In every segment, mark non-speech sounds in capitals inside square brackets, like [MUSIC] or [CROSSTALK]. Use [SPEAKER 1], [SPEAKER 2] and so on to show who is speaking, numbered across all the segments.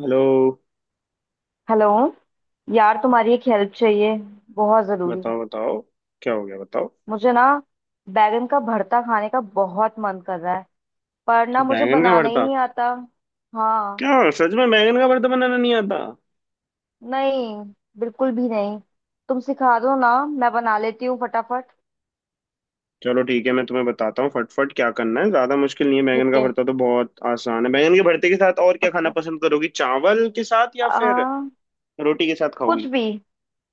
[SPEAKER 1] Hello.
[SPEAKER 2] Hello. यार, तुम्हारी एक हेल्प चाहिए, बहुत ज़रूरी।
[SPEAKER 1] बताओ बताओ, क्या हो गया बताओ।
[SPEAKER 2] मुझे ना बैगन का भरता खाने का बहुत मन कर रहा है, पर ना मुझे
[SPEAKER 1] बैंगन का
[SPEAKER 2] बनाना ही
[SPEAKER 1] भरता?
[SPEAKER 2] नहीं आता। हाँ।
[SPEAKER 1] क्या सच में बैंगन का भरता बनाना नहीं आता?
[SPEAKER 2] नहीं, बिल्कुल भी नहीं। तुम सिखा दो ना, मैं बना लेती हूँ फटाफट।
[SPEAKER 1] चलो ठीक है, मैं तुम्हें बताता हूँ फटफट क्या करना है। ज्यादा मुश्किल नहीं है, बैंगन
[SPEAKER 2] ठीक
[SPEAKER 1] का
[SPEAKER 2] है,
[SPEAKER 1] भरता तो बहुत आसान है। बैंगन के भरते के साथ और क्या खाना
[SPEAKER 2] बस।
[SPEAKER 1] पसंद करोगी, चावल के साथ या फिर
[SPEAKER 2] आ,
[SPEAKER 1] रोटी के साथ
[SPEAKER 2] कुछ
[SPEAKER 1] खाओगी?
[SPEAKER 2] भी,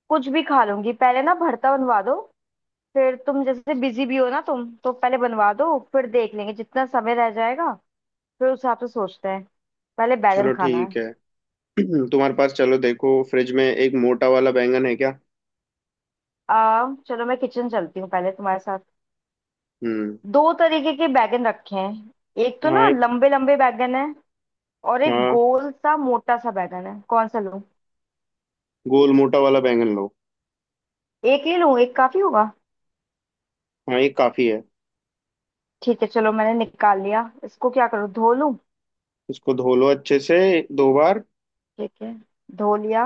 [SPEAKER 2] कुछ भी खा लूंगी, पहले ना भरता बनवा दो। फिर तुम जैसे बिजी भी हो ना, तुम तो पहले बनवा दो, फिर देख लेंगे जितना समय रह जाएगा, फिर उस हिसाब से सोचते हैं। पहले बैगन
[SPEAKER 1] चलो
[SPEAKER 2] खाना है।
[SPEAKER 1] ठीक है। [CLEARS THROAT] तुम्हारे पास, चलो देखो फ्रिज में एक मोटा वाला बैंगन है क्या?
[SPEAKER 2] चलो मैं किचन चलती हूँ पहले तुम्हारे साथ।
[SPEAKER 1] हम्म।
[SPEAKER 2] दो तरीके के बैगन रखे हैं। एक तो
[SPEAKER 1] हाँ
[SPEAKER 2] ना
[SPEAKER 1] एक।
[SPEAKER 2] लंबे लंबे बैगन है, और एक
[SPEAKER 1] हाँ,
[SPEAKER 2] गोल सा मोटा सा बैगन है, कौन सा लूं।
[SPEAKER 1] गोल मोटा वाला बैंगन लो।
[SPEAKER 2] एक ही लूं, एक काफी होगा।
[SPEAKER 1] हाँ ये काफी है।
[SPEAKER 2] ठीक है, चलो मैंने निकाल लिया इसको, क्या करूँ, धो लूं।
[SPEAKER 1] इसको धो लो अच्छे से, दो बार।
[SPEAKER 2] ठीक है, धो लिया।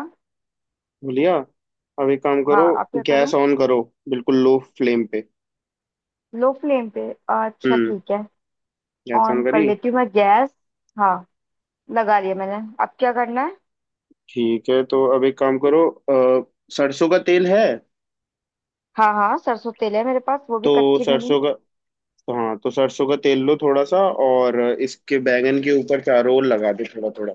[SPEAKER 1] बोलिया, अब एक काम
[SPEAKER 2] हाँ,
[SPEAKER 1] करो,
[SPEAKER 2] अब क्या
[SPEAKER 1] गैस
[SPEAKER 2] करूँ।
[SPEAKER 1] ऑन करो, बिल्कुल लो फ्लेम पे।
[SPEAKER 2] लो फ्लेम पे। अच्छा,
[SPEAKER 1] हम्म,
[SPEAKER 2] ठीक है।
[SPEAKER 1] गैस ऑन
[SPEAKER 2] ऑन कर
[SPEAKER 1] करी?
[SPEAKER 2] लेती हूँ मैं गैस। हाँ, लगा लिया मैंने, अब क्या करना है।
[SPEAKER 1] ठीक है तो अब एक काम करो, सरसों का तेल है?
[SPEAKER 2] हाँ हाँ, सरसों तेल है मेरे पास, वो भी
[SPEAKER 1] तो
[SPEAKER 2] कच्ची घनी।
[SPEAKER 1] सरसों का हाँ तो सरसों का तेल लो थोड़ा सा, और इसके बैंगन के ऊपर चारों ओर लगा दे थोड़ा थोड़ा।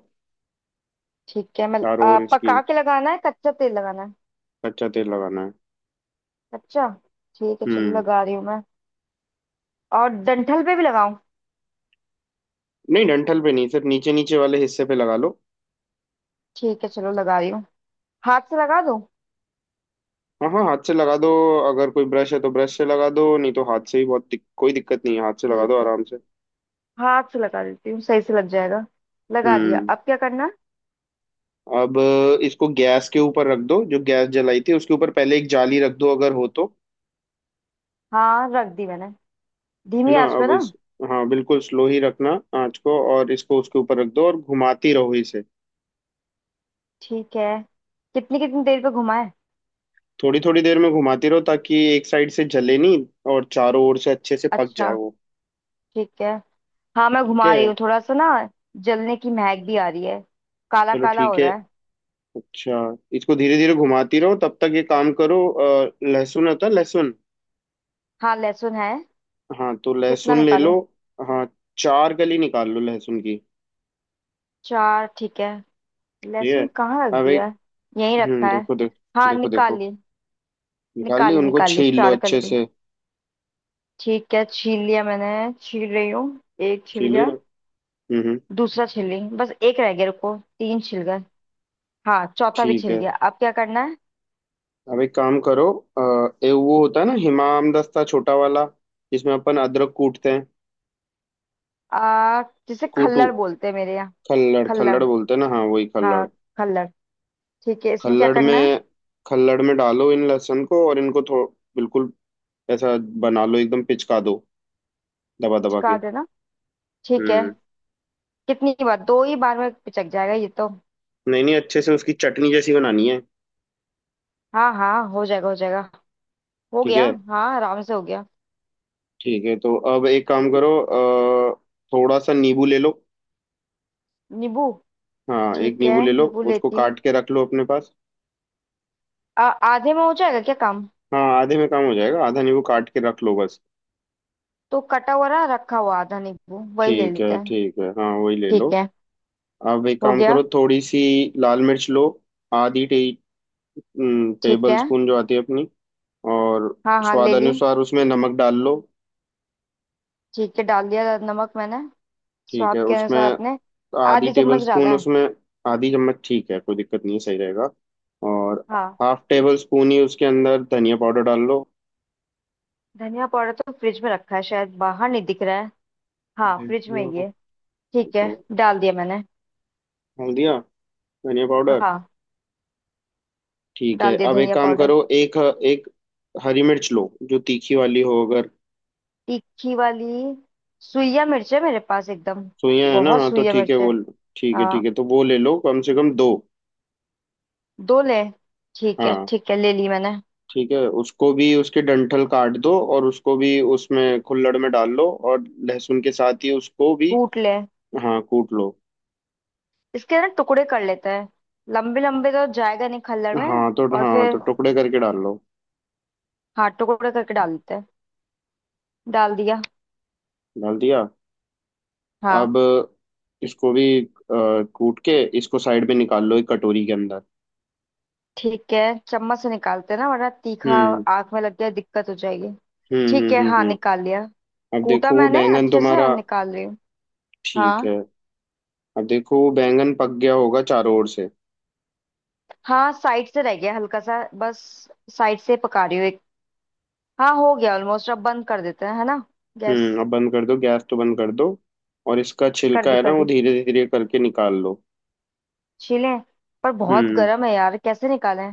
[SPEAKER 2] ठीक है, मैं
[SPEAKER 1] चारों ओर इसकी,
[SPEAKER 2] पका के लगाना है, कच्चा तेल लगाना है?
[SPEAKER 1] कच्चा तेल लगाना है।
[SPEAKER 2] अच्छा, ठीक है, चलो
[SPEAKER 1] हम्म।
[SPEAKER 2] लगा रही हूँ मैं। और डंठल पे भी लगाऊं?
[SPEAKER 1] नहीं, डंठल पे नहीं, सिर्फ नीचे नीचे वाले हिस्से पे लगा लो।
[SPEAKER 2] ठीक है, चलो लगा रही हूँ। हाथ से लगा दूं?
[SPEAKER 1] हाँ हाँ हाथ से लगा दो। अगर कोई ब्रश है तो ब्रश से लगा दो, नहीं तो हाथ से ही, कोई दिक्कत नहीं है, हाथ से लगा
[SPEAKER 2] ठीक
[SPEAKER 1] दो
[SPEAKER 2] है,
[SPEAKER 1] आराम से।
[SPEAKER 2] हाथ से लगा देती हूँ, सही से लग जाएगा। लगा दिया,
[SPEAKER 1] हम्म,
[SPEAKER 2] अब क्या करना है?
[SPEAKER 1] अब इसको गैस के ऊपर रख दो, जो गैस जलाई थी उसके ऊपर पहले एक जाली रख दो अगर हो तो।
[SPEAKER 2] हाँ, रख दी मैंने।
[SPEAKER 1] है
[SPEAKER 2] धीमी
[SPEAKER 1] ना?
[SPEAKER 2] आंच पे
[SPEAKER 1] अब
[SPEAKER 2] ना?
[SPEAKER 1] इस हाँ बिल्कुल स्लो ही रखना आंच को, और इसको उसके ऊपर रख दो और घुमाती रहो इसे।
[SPEAKER 2] ठीक है। कितनी कितनी देर पे घुमाए?
[SPEAKER 1] थोड़ी थोड़ी देर में घुमाती रहो, ताकि एक साइड से जले नहीं और चारों ओर से अच्छे से पक जाए
[SPEAKER 2] अच्छा,
[SPEAKER 1] वो।
[SPEAKER 2] ठीक है। हाँ, मैं
[SPEAKER 1] ठीक
[SPEAKER 2] घुमा
[SPEAKER 1] है।
[SPEAKER 2] रही हूँ थोड़ा सा ना। जलने की महक भी आ रही है, काला
[SPEAKER 1] चलो
[SPEAKER 2] काला हो
[SPEAKER 1] ठीक है।
[SPEAKER 2] रहा है।
[SPEAKER 1] अच्छा, इसको धीरे धीरे घुमाती रहो, तब तक ये काम करो, लहसुन होता है लहसुन?
[SPEAKER 2] हाँ, लहसुन है।
[SPEAKER 1] हाँ तो
[SPEAKER 2] कितना
[SPEAKER 1] लहसुन ले लो।
[SPEAKER 2] निकालूं?
[SPEAKER 1] हाँ, चार कली निकाल लो लहसुन की।
[SPEAKER 2] चार, ठीक है।
[SPEAKER 1] ठीक
[SPEAKER 2] लहसुन कहाँ रख
[SPEAKER 1] है, अब
[SPEAKER 2] दिया
[SPEAKER 1] एक,
[SPEAKER 2] है? यहीं रखा है।
[SPEAKER 1] देखो देखो
[SPEAKER 2] हाँ,
[SPEAKER 1] देखो
[SPEAKER 2] निकाल
[SPEAKER 1] देखो।
[SPEAKER 2] ली।
[SPEAKER 1] निकाल ली?
[SPEAKER 2] निकाल
[SPEAKER 1] उनको
[SPEAKER 2] निकाल ली
[SPEAKER 1] छील लो
[SPEAKER 2] चार
[SPEAKER 1] अच्छे
[SPEAKER 2] कली।
[SPEAKER 1] से।
[SPEAKER 2] ठीक है, छील लिया मैंने। छील रही हूँ। एक छिल
[SPEAKER 1] छील रही
[SPEAKER 2] गया।
[SPEAKER 1] हो? हम्म हम्म,
[SPEAKER 2] दूसरा छिल ली, बस एक रह गया, रुको। तीन छिल गए। हाँ, चौथा भी
[SPEAKER 1] ठीक
[SPEAKER 2] छिल
[SPEAKER 1] है।
[SPEAKER 2] गया, अब क्या करना है।
[SPEAKER 1] अब एक काम करो, अ, ए वो होता है ना हिमाम दस्ता छोटा वाला, जिसमें अपन अदरक कूटते हैं।
[SPEAKER 2] आ, जिसे
[SPEAKER 1] कूटू,
[SPEAKER 2] खल्लड़ बोलते हैं मेरे यहाँ।
[SPEAKER 1] खल्लड़
[SPEAKER 2] खल्लड़,
[SPEAKER 1] खल्लड़ बोलते हैं ना? हाँ वही खल्लड़।
[SPEAKER 2] हाँ, खल्लड़। ठीक है, इसमें क्या
[SPEAKER 1] खल्लड़
[SPEAKER 2] करना है?
[SPEAKER 1] में खल्लड़ में डालो इन लहसुन को, और इनको थो बिल्कुल ऐसा बना लो, एकदम पिचका दो, दबा दबा
[SPEAKER 2] चिपका
[SPEAKER 1] के।
[SPEAKER 2] देना? ठीक है।
[SPEAKER 1] हम्म।
[SPEAKER 2] कितनी बार, दो ही बार में पिचक जाएगा ये तो।
[SPEAKER 1] नहीं नहीं, अच्छे से उसकी चटनी जैसी बनानी है।
[SPEAKER 2] हाँ हाँ, हो जाएगा, हो जाएगा। हो
[SPEAKER 1] ठीक
[SPEAKER 2] गया,
[SPEAKER 1] है।
[SPEAKER 2] हाँ, आराम से हो गया।
[SPEAKER 1] ठीक है तो अब एक काम करो, थोड़ा सा नींबू ले लो।
[SPEAKER 2] नींबू?
[SPEAKER 1] हाँ एक
[SPEAKER 2] ठीक है,
[SPEAKER 1] नींबू ले लो।
[SPEAKER 2] नींबू
[SPEAKER 1] उसको
[SPEAKER 2] लेती हूँ।
[SPEAKER 1] काट के रख लो अपने पास।
[SPEAKER 2] आधे में हो जाएगा क्या काम?
[SPEAKER 1] हाँ, आधे में काम हो जाएगा, आधा नींबू काट के रख लो बस।
[SPEAKER 2] तो कटा हुआ रहा रखा हुआ आधा नींबू, वही ले
[SPEAKER 1] ठीक
[SPEAKER 2] लेते
[SPEAKER 1] है
[SPEAKER 2] हैं।
[SPEAKER 1] ठीक है, हाँ वही ले लो।
[SPEAKER 2] ठीक है,
[SPEAKER 1] अब एक
[SPEAKER 2] हो
[SPEAKER 1] काम
[SPEAKER 2] गया।
[SPEAKER 1] करो, थोड़ी सी लाल मिर्च लो, आधी टे,
[SPEAKER 2] ठीक
[SPEAKER 1] टेबल
[SPEAKER 2] है।
[SPEAKER 1] स्पून जो आती है अपनी। और
[SPEAKER 2] हाँ हाँ,
[SPEAKER 1] स्वाद
[SPEAKER 2] ले ली।
[SPEAKER 1] अनुसार उसमें नमक डाल लो।
[SPEAKER 2] ठीक है, डाल दिया नमक मैंने,
[SPEAKER 1] ठीक है,
[SPEAKER 2] स्वाद के
[SPEAKER 1] उसमें
[SPEAKER 2] अनुसार अपने।
[SPEAKER 1] आधी
[SPEAKER 2] आधी
[SPEAKER 1] टेबल
[SPEAKER 2] चम्मच
[SPEAKER 1] स्पून
[SPEAKER 2] डाला है।
[SPEAKER 1] उसमें। आधी चम्मच, ठीक है कोई दिक्कत नहीं है, सही रहेगा। और
[SPEAKER 2] हाँ।
[SPEAKER 1] हाफ टेबल स्पून ही उसके अंदर धनिया पाउडर डाल लो।
[SPEAKER 2] धनिया पाउडर तो फ्रिज में रखा है शायद, बाहर नहीं दिख रहा है। हाँ,
[SPEAKER 1] देख
[SPEAKER 2] फ्रिज में
[SPEAKER 1] लो
[SPEAKER 2] ही है। ठीक
[SPEAKER 1] तो।
[SPEAKER 2] है, डाल दिया मैंने।
[SPEAKER 1] डाल दिया धनिया पाउडर।
[SPEAKER 2] हाँ,
[SPEAKER 1] ठीक है
[SPEAKER 2] डाल दिया
[SPEAKER 1] अब एक
[SPEAKER 2] धनिया
[SPEAKER 1] काम
[SPEAKER 2] पाउडर।
[SPEAKER 1] करो, एक एक हरी मिर्च लो, जो तीखी वाली हो अगर।
[SPEAKER 2] तीखी वाली, सुइया मिर्च है मेरे पास एकदम,
[SPEAKER 1] सोया है ना?
[SPEAKER 2] बहुत
[SPEAKER 1] हाँ तो
[SPEAKER 2] सुइया
[SPEAKER 1] ठीक है
[SPEAKER 2] मिर्च है।
[SPEAKER 1] वो। ठीक
[SPEAKER 2] हाँ,
[SPEAKER 1] है तो वो ले लो, कम से कम दो।
[SPEAKER 2] दो ले। ठीक है,
[SPEAKER 1] हाँ।
[SPEAKER 2] ठीक है, ले ली मैंने।
[SPEAKER 1] ठीक है, उसको भी, उसके डंठल काट दो और उसको भी उसमें खुल्लड़ में डाल लो, और लहसुन के साथ ही उसको भी।
[SPEAKER 2] कूट ले?
[SPEAKER 1] हाँ कूट लो।
[SPEAKER 2] इसके ना टुकड़े कर लेते हैं, लंबे लंबे तो जाएगा नहीं खल्लड़ में,
[SPEAKER 1] हाँ तो,
[SPEAKER 2] और
[SPEAKER 1] हाँ तो
[SPEAKER 2] फिर
[SPEAKER 1] टुकड़े करके डाल लो।
[SPEAKER 2] हाँ, टुकड़े करके डाल देते हैं। डाल दिया।
[SPEAKER 1] डाल दिया। अब
[SPEAKER 2] हाँ।
[SPEAKER 1] इसको भी, कूट के इसको साइड में निकाल लो एक कटोरी के अंदर।
[SPEAKER 2] ठीक है। चम्मच से निकालते हैं ना, वरना तीखा
[SPEAKER 1] हम्म
[SPEAKER 2] आंख में लग गया, दिक्कत हो जाएगी।
[SPEAKER 1] हम्म
[SPEAKER 2] ठीक
[SPEAKER 1] हम्म
[SPEAKER 2] है,
[SPEAKER 1] हम्म
[SPEAKER 2] हाँ,
[SPEAKER 1] हम्म।
[SPEAKER 2] निकाल लिया।
[SPEAKER 1] अब
[SPEAKER 2] कूटा
[SPEAKER 1] देखो वो
[SPEAKER 2] मैंने
[SPEAKER 1] बैंगन
[SPEAKER 2] अच्छे से,
[SPEAKER 1] तुम्हारा।
[SPEAKER 2] और निकाल रही हूँ।
[SPEAKER 1] ठीक
[SPEAKER 2] हाँ
[SPEAKER 1] है, अब देखो वो बैंगन पक गया होगा चारों ओर से।
[SPEAKER 2] हाँ, साइड से रह गया हल्का सा बस, साइड से पका रही हूँ एक। हाँ, हो गया ऑलमोस्ट, अब बंद कर देते हैं है ना गैस।
[SPEAKER 1] हम्म, अब बंद कर दो, गैस तो बंद कर दो। और इसका
[SPEAKER 2] कर
[SPEAKER 1] छिलका
[SPEAKER 2] दी,
[SPEAKER 1] है ना,
[SPEAKER 2] कर
[SPEAKER 1] वो
[SPEAKER 2] दी।
[SPEAKER 1] धीरे धीरे करके निकाल लो।
[SPEAKER 2] छीलें, पर बहुत
[SPEAKER 1] हम्म,
[SPEAKER 2] गर्म है यार, कैसे निकालें।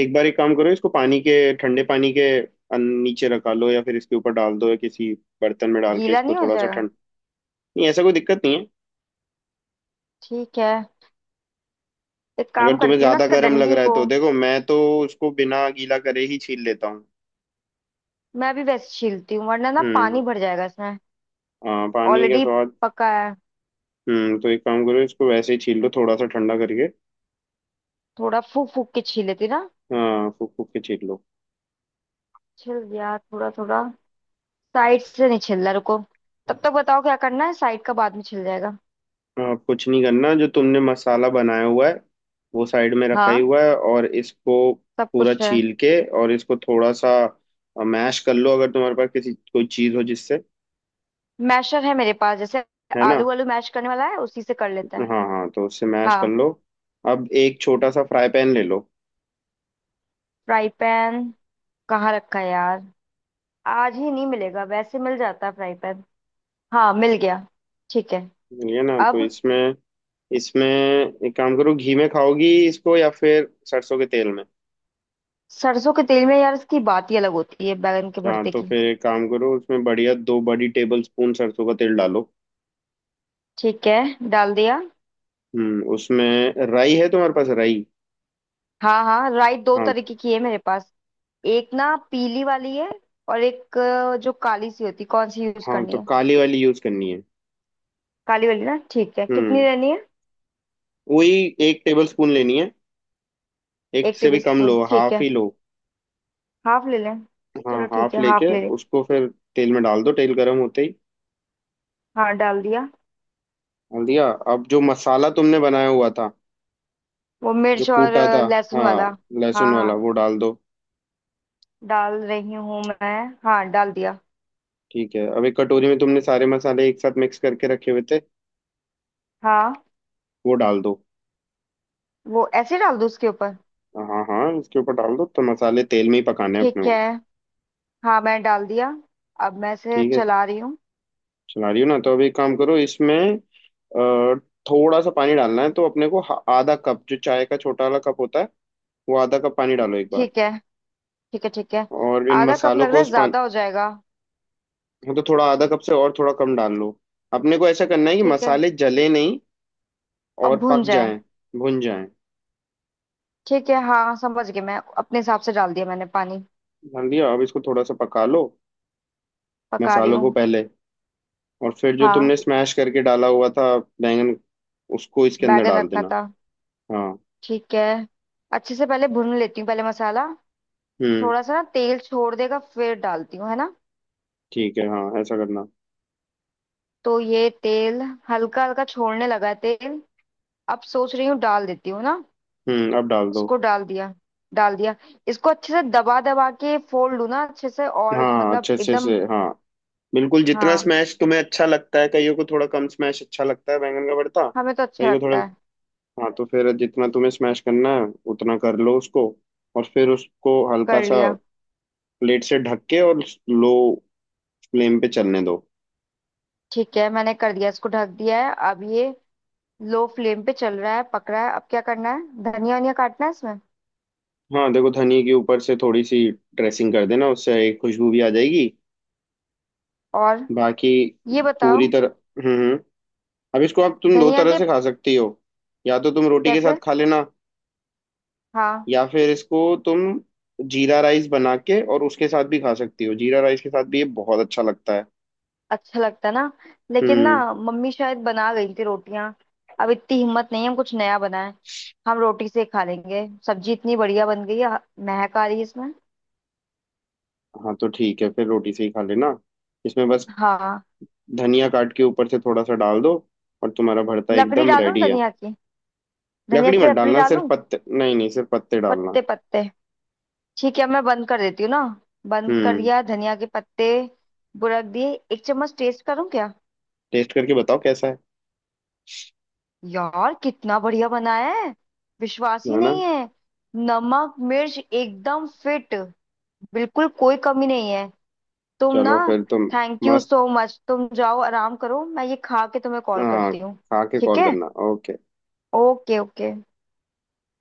[SPEAKER 1] एक बार एक काम करो, इसको पानी के, ठंडे पानी के नीचे रखा लो, या फिर इसके ऊपर डाल दो, या किसी बर्तन में डाल के
[SPEAKER 2] गीला
[SPEAKER 1] इसको
[SPEAKER 2] नहीं हो
[SPEAKER 1] थोड़ा सा
[SPEAKER 2] जाएगा?
[SPEAKER 1] ठंड। नहीं, ऐसा कोई दिक्कत नहीं है।
[SPEAKER 2] ठीक है, एक
[SPEAKER 1] अगर
[SPEAKER 2] काम
[SPEAKER 1] तुम्हें
[SPEAKER 2] करती हूँ ना,
[SPEAKER 1] ज्यादा
[SPEAKER 2] इसका
[SPEAKER 1] गर्म लग
[SPEAKER 2] डंडी
[SPEAKER 1] रहा है
[SPEAKER 2] को,
[SPEAKER 1] तो देखो मैं तो उसको बिना गीला करे ही छील लेता हूँ।
[SPEAKER 2] मैं अभी वैसे छीलती हूँ, वरना ना
[SPEAKER 1] हम्म,
[SPEAKER 2] पानी भर जाएगा इसमें।
[SPEAKER 1] हाँ पानी के
[SPEAKER 2] ऑलरेडी
[SPEAKER 1] स्वाद।
[SPEAKER 2] पका है।
[SPEAKER 1] तो एक काम करो, इसको वैसे ही छील लो थोड़ा सा ठंडा करके।
[SPEAKER 2] थोड़ा फूक फूक के छील लेती ना।
[SPEAKER 1] हाँ फूक फूक के छील लो।
[SPEAKER 2] छिल गया थोड़ा थोड़ा। साइड से नहीं छिल रहा, रुको, तब तक बताओ क्या करना है, साइड का बाद में छिल जाएगा।
[SPEAKER 1] हाँ कुछ नहीं करना, जो तुमने मसाला बनाया हुआ है वो साइड में रखा ही
[SPEAKER 2] हाँ,
[SPEAKER 1] हुआ है, और इसको
[SPEAKER 2] सब
[SPEAKER 1] पूरा
[SPEAKER 2] कुछ है।
[SPEAKER 1] छील के और इसको थोड़ा सा मैश कर लो, अगर तुम्हारे पास किसी कोई चीज़ हो जिससे।
[SPEAKER 2] मैशर है मेरे पास, जैसे
[SPEAKER 1] है ना?
[SPEAKER 2] आलू वालू मैश करने वाला है, उसी से कर लेते हैं।
[SPEAKER 1] हाँ हाँ तो उससे मैश कर
[SPEAKER 2] हाँ।
[SPEAKER 1] लो। अब एक छोटा सा फ्राई पैन ले लो।
[SPEAKER 2] फ्राई पैन कहाँ रखा है यार, आज ही नहीं मिलेगा, वैसे मिल जाता है फ्राई पैन। हाँ, मिल गया। ठीक है।
[SPEAKER 1] ये ना तो
[SPEAKER 2] अब
[SPEAKER 1] इसमें इसमें एक काम करो, घी में खाओगी इसको या फिर सरसों के तेल में?
[SPEAKER 2] सरसों के तेल में यार, इसकी बात ही अलग होती है बैगन के
[SPEAKER 1] हाँ
[SPEAKER 2] भरते
[SPEAKER 1] तो
[SPEAKER 2] की।
[SPEAKER 1] फिर एक काम करो, उसमें बढ़िया दो बड़ी टेबल स्पून सरसों का तेल डालो।
[SPEAKER 2] ठीक है, डाल दिया।
[SPEAKER 1] हम्म, उसमें राई है तुम्हारे पास, राई?
[SPEAKER 2] हाँ हाँ, राई दो
[SPEAKER 1] हाँ,
[SPEAKER 2] तरीके की है मेरे पास, एक ना पीली वाली है, और एक जो काली सी होती है, कौन सी यूज
[SPEAKER 1] हाँ
[SPEAKER 2] करनी
[SPEAKER 1] तो
[SPEAKER 2] है?
[SPEAKER 1] काली वाली यूज करनी है।
[SPEAKER 2] काली वाली ना, ठीक है, कितनी
[SPEAKER 1] हम्म,
[SPEAKER 2] लेनी है?
[SPEAKER 1] वही एक टेबल स्पून लेनी है, एक
[SPEAKER 2] एक
[SPEAKER 1] से भी
[SPEAKER 2] टेबल
[SPEAKER 1] कम
[SPEAKER 2] स्पून,
[SPEAKER 1] लो,
[SPEAKER 2] ठीक
[SPEAKER 1] हाफ
[SPEAKER 2] है,
[SPEAKER 1] ही लो।
[SPEAKER 2] हाफ ले लें?
[SPEAKER 1] हाँ
[SPEAKER 2] चलो ठीक
[SPEAKER 1] हाफ
[SPEAKER 2] है, हाफ
[SPEAKER 1] लेके
[SPEAKER 2] ले लें।
[SPEAKER 1] उसको फिर तेल में डाल दो, तेल गर्म होते ही।
[SPEAKER 2] हाँ, डाल दिया।
[SPEAKER 1] डाल दिया। अब जो मसाला तुमने बनाया हुआ था,
[SPEAKER 2] वो
[SPEAKER 1] जो
[SPEAKER 2] मिर्च और
[SPEAKER 1] कूटा था,
[SPEAKER 2] लहसुन
[SPEAKER 1] हाँ
[SPEAKER 2] वाला?
[SPEAKER 1] लहसुन
[SPEAKER 2] हाँ
[SPEAKER 1] वाला, वो
[SPEAKER 2] हाँ,
[SPEAKER 1] डाल दो।
[SPEAKER 2] डाल रही हूँ मैं। हाँ, डाल दिया।
[SPEAKER 1] ठीक है, अब एक कटोरी में तुमने सारे मसाले एक साथ मिक्स करके रखे हुए थे,
[SPEAKER 2] हाँ,
[SPEAKER 1] वो डाल दो।
[SPEAKER 2] वो ऐसे डाल दूँ उसके ऊपर?
[SPEAKER 1] हाँ हाँ इसके ऊपर डाल दो, तो मसाले तेल में ही पकाने हैं अपने
[SPEAKER 2] ठीक है,
[SPEAKER 1] वो।
[SPEAKER 2] हाँ, मैं डाल दिया, अब मैं इसे
[SPEAKER 1] ठीक है,
[SPEAKER 2] चला रही हूँ।
[SPEAKER 1] चला रही हूँ ना, तो अभी एक काम करो, इसमें थोड़ा सा पानी डालना है तो अपने को, आधा कप, जो चाय का छोटा वाला कप होता है, वो आधा कप पानी डालो एक बार।
[SPEAKER 2] ठीक है, ठीक है, ठीक है।
[SPEAKER 1] और इन
[SPEAKER 2] आधा कप
[SPEAKER 1] मसालों
[SPEAKER 2] लग
[SPEAKER 1] को
[SPEAKER 2] रहा है
[SPEAKER 1] उस पानी,
[SPEAKER 2] ज्यादा हो जाएगा।
[SPEAKER 1] तो थोड़ा आधा कप से और थोड़ा कम डाल लो। अपने को ऐसा करना है कि
[SPEAKER 2] ठीक है,
[SPEAKER 1] मसाले जले नहीं
[SPEAKER 2] और
[SPEAKER 1] और
[SPEAKER 2] भुन
[SPEAKER 1] पक
[SPEAKER 2] जाए।
[SPEAKER 1] जाएं, भुन जाएं।
[SPEAKER 2] ठीक है, हाँ, समझ गई मैं, अपने हिसाब से डाल दिया मैंने पानी।
[SPEAKER 1] डाल दिया, अब इसको थोड़ा सा पका लो,
[SPEAKER 2] पका रही
[SPEAKER 1] मसालों को
[SPEAKER 2] हूँ।
[SPEAKER 1] पहले। और फिर जो
[SPEAKER 2] हाँ,
[SPEAKER 1] तुमने स्मैश करके डाला हुआ था, बैंगन, उसको इसके अंदर
[SPEAKER 2] बैगन
[SPEAKER 1] डाल
[SPEAKER 2] रखा
[SPEAKER 1] देना।
[SPEAKER 2] था।
[SPEAKER 1] हाँ।
[SPEAKER 2] ठीक है, अच्छे से पहले भून लेती हूँ, पहले मसाला,
[SPEAKER 1] हम्म
[SPEAKER 2] थोड़ा सा ना तेल छोड़ देगा, फिर डालती हूँ है ना।
[SPEAKER 1] ठीक है, हाँ ऐसा करना।
[SPEAKER 2] तो ये तेल हल्का हल्का छोड़ने लगा है तेल, अब सोच रही हूँ डाल देती हूँ ना।
[SPEAKER 1] अब डाल दो।
[SPEAKER 2] इसको डाल दिया, डाल दिया। इसको अच्छे से दबा दबा के फोल्ड लूँ ना अच्छे से, और
[SPEAKER 1] हाँ
[SPEAKER 2] मतलब
[SPEAKER 1] अच्छे अच्छे से,
[SPEAKER 2] एकदम।
[SPEAKER 1] हाँ बिल्कुल, जितना
[SPEAKER 2] हाँ,
[SPEAKER 1] स्मैश तुम्हें अच्छा लगता है। कईयों को थोड़ा कम स्मैश अच्छा लगता है बैंगन का भरता,
[SPEAKER 2] हमें तो अच्छा
[SPEAKER 1] कईयों को थोड़ा।
[SPEAKER 2] लगता है।
[SPEAKER 1] हाँ तो फिर जितना तुम्हें स्मैश करना है उतना कर लो उसको। और फिर उसको हल्का
[SPEAKER 2] कर
[SPEAKER 1] सा
[SPEAKER 2] लिया।
[SPEAKER 1] प्लेट से ढक के और लो फ्लेम पे चलने दो।
[SPEAKER 2] ठीक है, मैंने कर दिया, इसको ढक दिया है अब ये। लो फ्लेम पे चल रहा है, पक रहा है, अब क्या करना है, धनिया वनिया काटना है इसमें?
[SPEAKER 1] हाँ देखो, धनिया के ऊपर से थोड़ी सी ड्रेसिंग कर देना, उससे एक खुशबू भी आ जाएगी।
[SPEAKER 2] और
[SPEAKER 1] बाकी
[SPEAKER 2] ये
[SPEAKER 1] पूरी
[SPEAKER 2] बताओ।
[SPEAKER 1] तरह। हम्म हम्म। अब इसको आप तुम दो
[SPEAKER 2] धनिया
[SPEAKER 1] तरह
[SPEAKER 2] के
[SPEAKER 1] से खा सकती हो। या तो तुम रोटी के साथ
[SPEAKER 2] कैसे?
[SPEAKER 1] खा लेना,
[SPEAKER 2] हाँ,
[SPEAKER 1] या फिर इसको तुम जीरा राइस बना के और उसके साथ भी खा सकती हो, जीरा राइस के साथ भी ये बहुत अच्छा लगता है।
[SPEAKER 2] अच्छा लगता है ना, लेकिन ना
[SPEAKER 1] हम्म।
[SPEAKER 2] मम्मी शायद बना गई थी रोटियां, अब इतनी हिम्मत नहीं है हम कुछ नया बनाए, हम रोटी से ही खा लेंगे। सब्जी इतनी बढ़िया बन गई है, महक आ रही है इसमें।
[SPEAKER 1] हाँ तो ठीक है, फिर रोटी से ही खा लेना। इसमें बस
[SPEAKER 2] हाँ।
[SPEAKER 1] धनिया काट के ऊपर से थोड़ा सा डाल दो और तुम्हारा भरता
[SPEAKER 2] लकड़ी
[SPEAKER 1] एकदम
[SPEAKER 2] डालूं
[SPEAKER 1] रेडी है।
[SPEAKER 2] धनिया की? धनिया
[SPEAKER 1] लकड़ी
[SPEAKER 2] की
[SPEAKER 1] मत
[SPEAKER 2] लकड़ी
[SPEAKER 1] डालना, सिर्फ
[SPEAKER 2] डालूं?
[SPEAKER 1] पत्ते, नहीं नहीं, सिर्फ पत्ते डालना।
[SPEAKER 2] पत्ते, पत्ते, ठीक है, मैं बंद कर देती हूँ ना। बंद कर
[SPEAKER 1] हम्म।
[SPEAKER 2] दिया, धनिया के पत्ते बुरक दिए, एक चम्मच टेस्ट करूं क्या?
[SPEAKER 1] टेस्ट करके बताओ कैसा है।
[SPEAKER 2] यार, कितना बढ़िया बनाया है, विश्वास ही
[SPEAKER 1] है ना?
[SPEAKER 2] नहीं है। नमक मिर्च एकदम फिट, बिल्कुल कोई कमी नहीं है। तुम ना,
[SPEAKER 1] चलो फिर तुम,
[SPEAKER 2] थैंक यू
[SPEAKER 1] मस्त,
[SPEAKER 2] सो मच। तुम जाओ आराम करो, मैं ये खा के तुम्हें कॉल
[SPEAKER 1] हाँ।
[SPEAKER 2] करती हूँ।
[SPEAKER 1] खा के
[SPEAKER 2] ठीक
[SPEAKER 1] कॉल
[SPEAKER 2] है,
[SPEAKER 1] करना, ओके।
[SPEAKER 2] Okay, okay.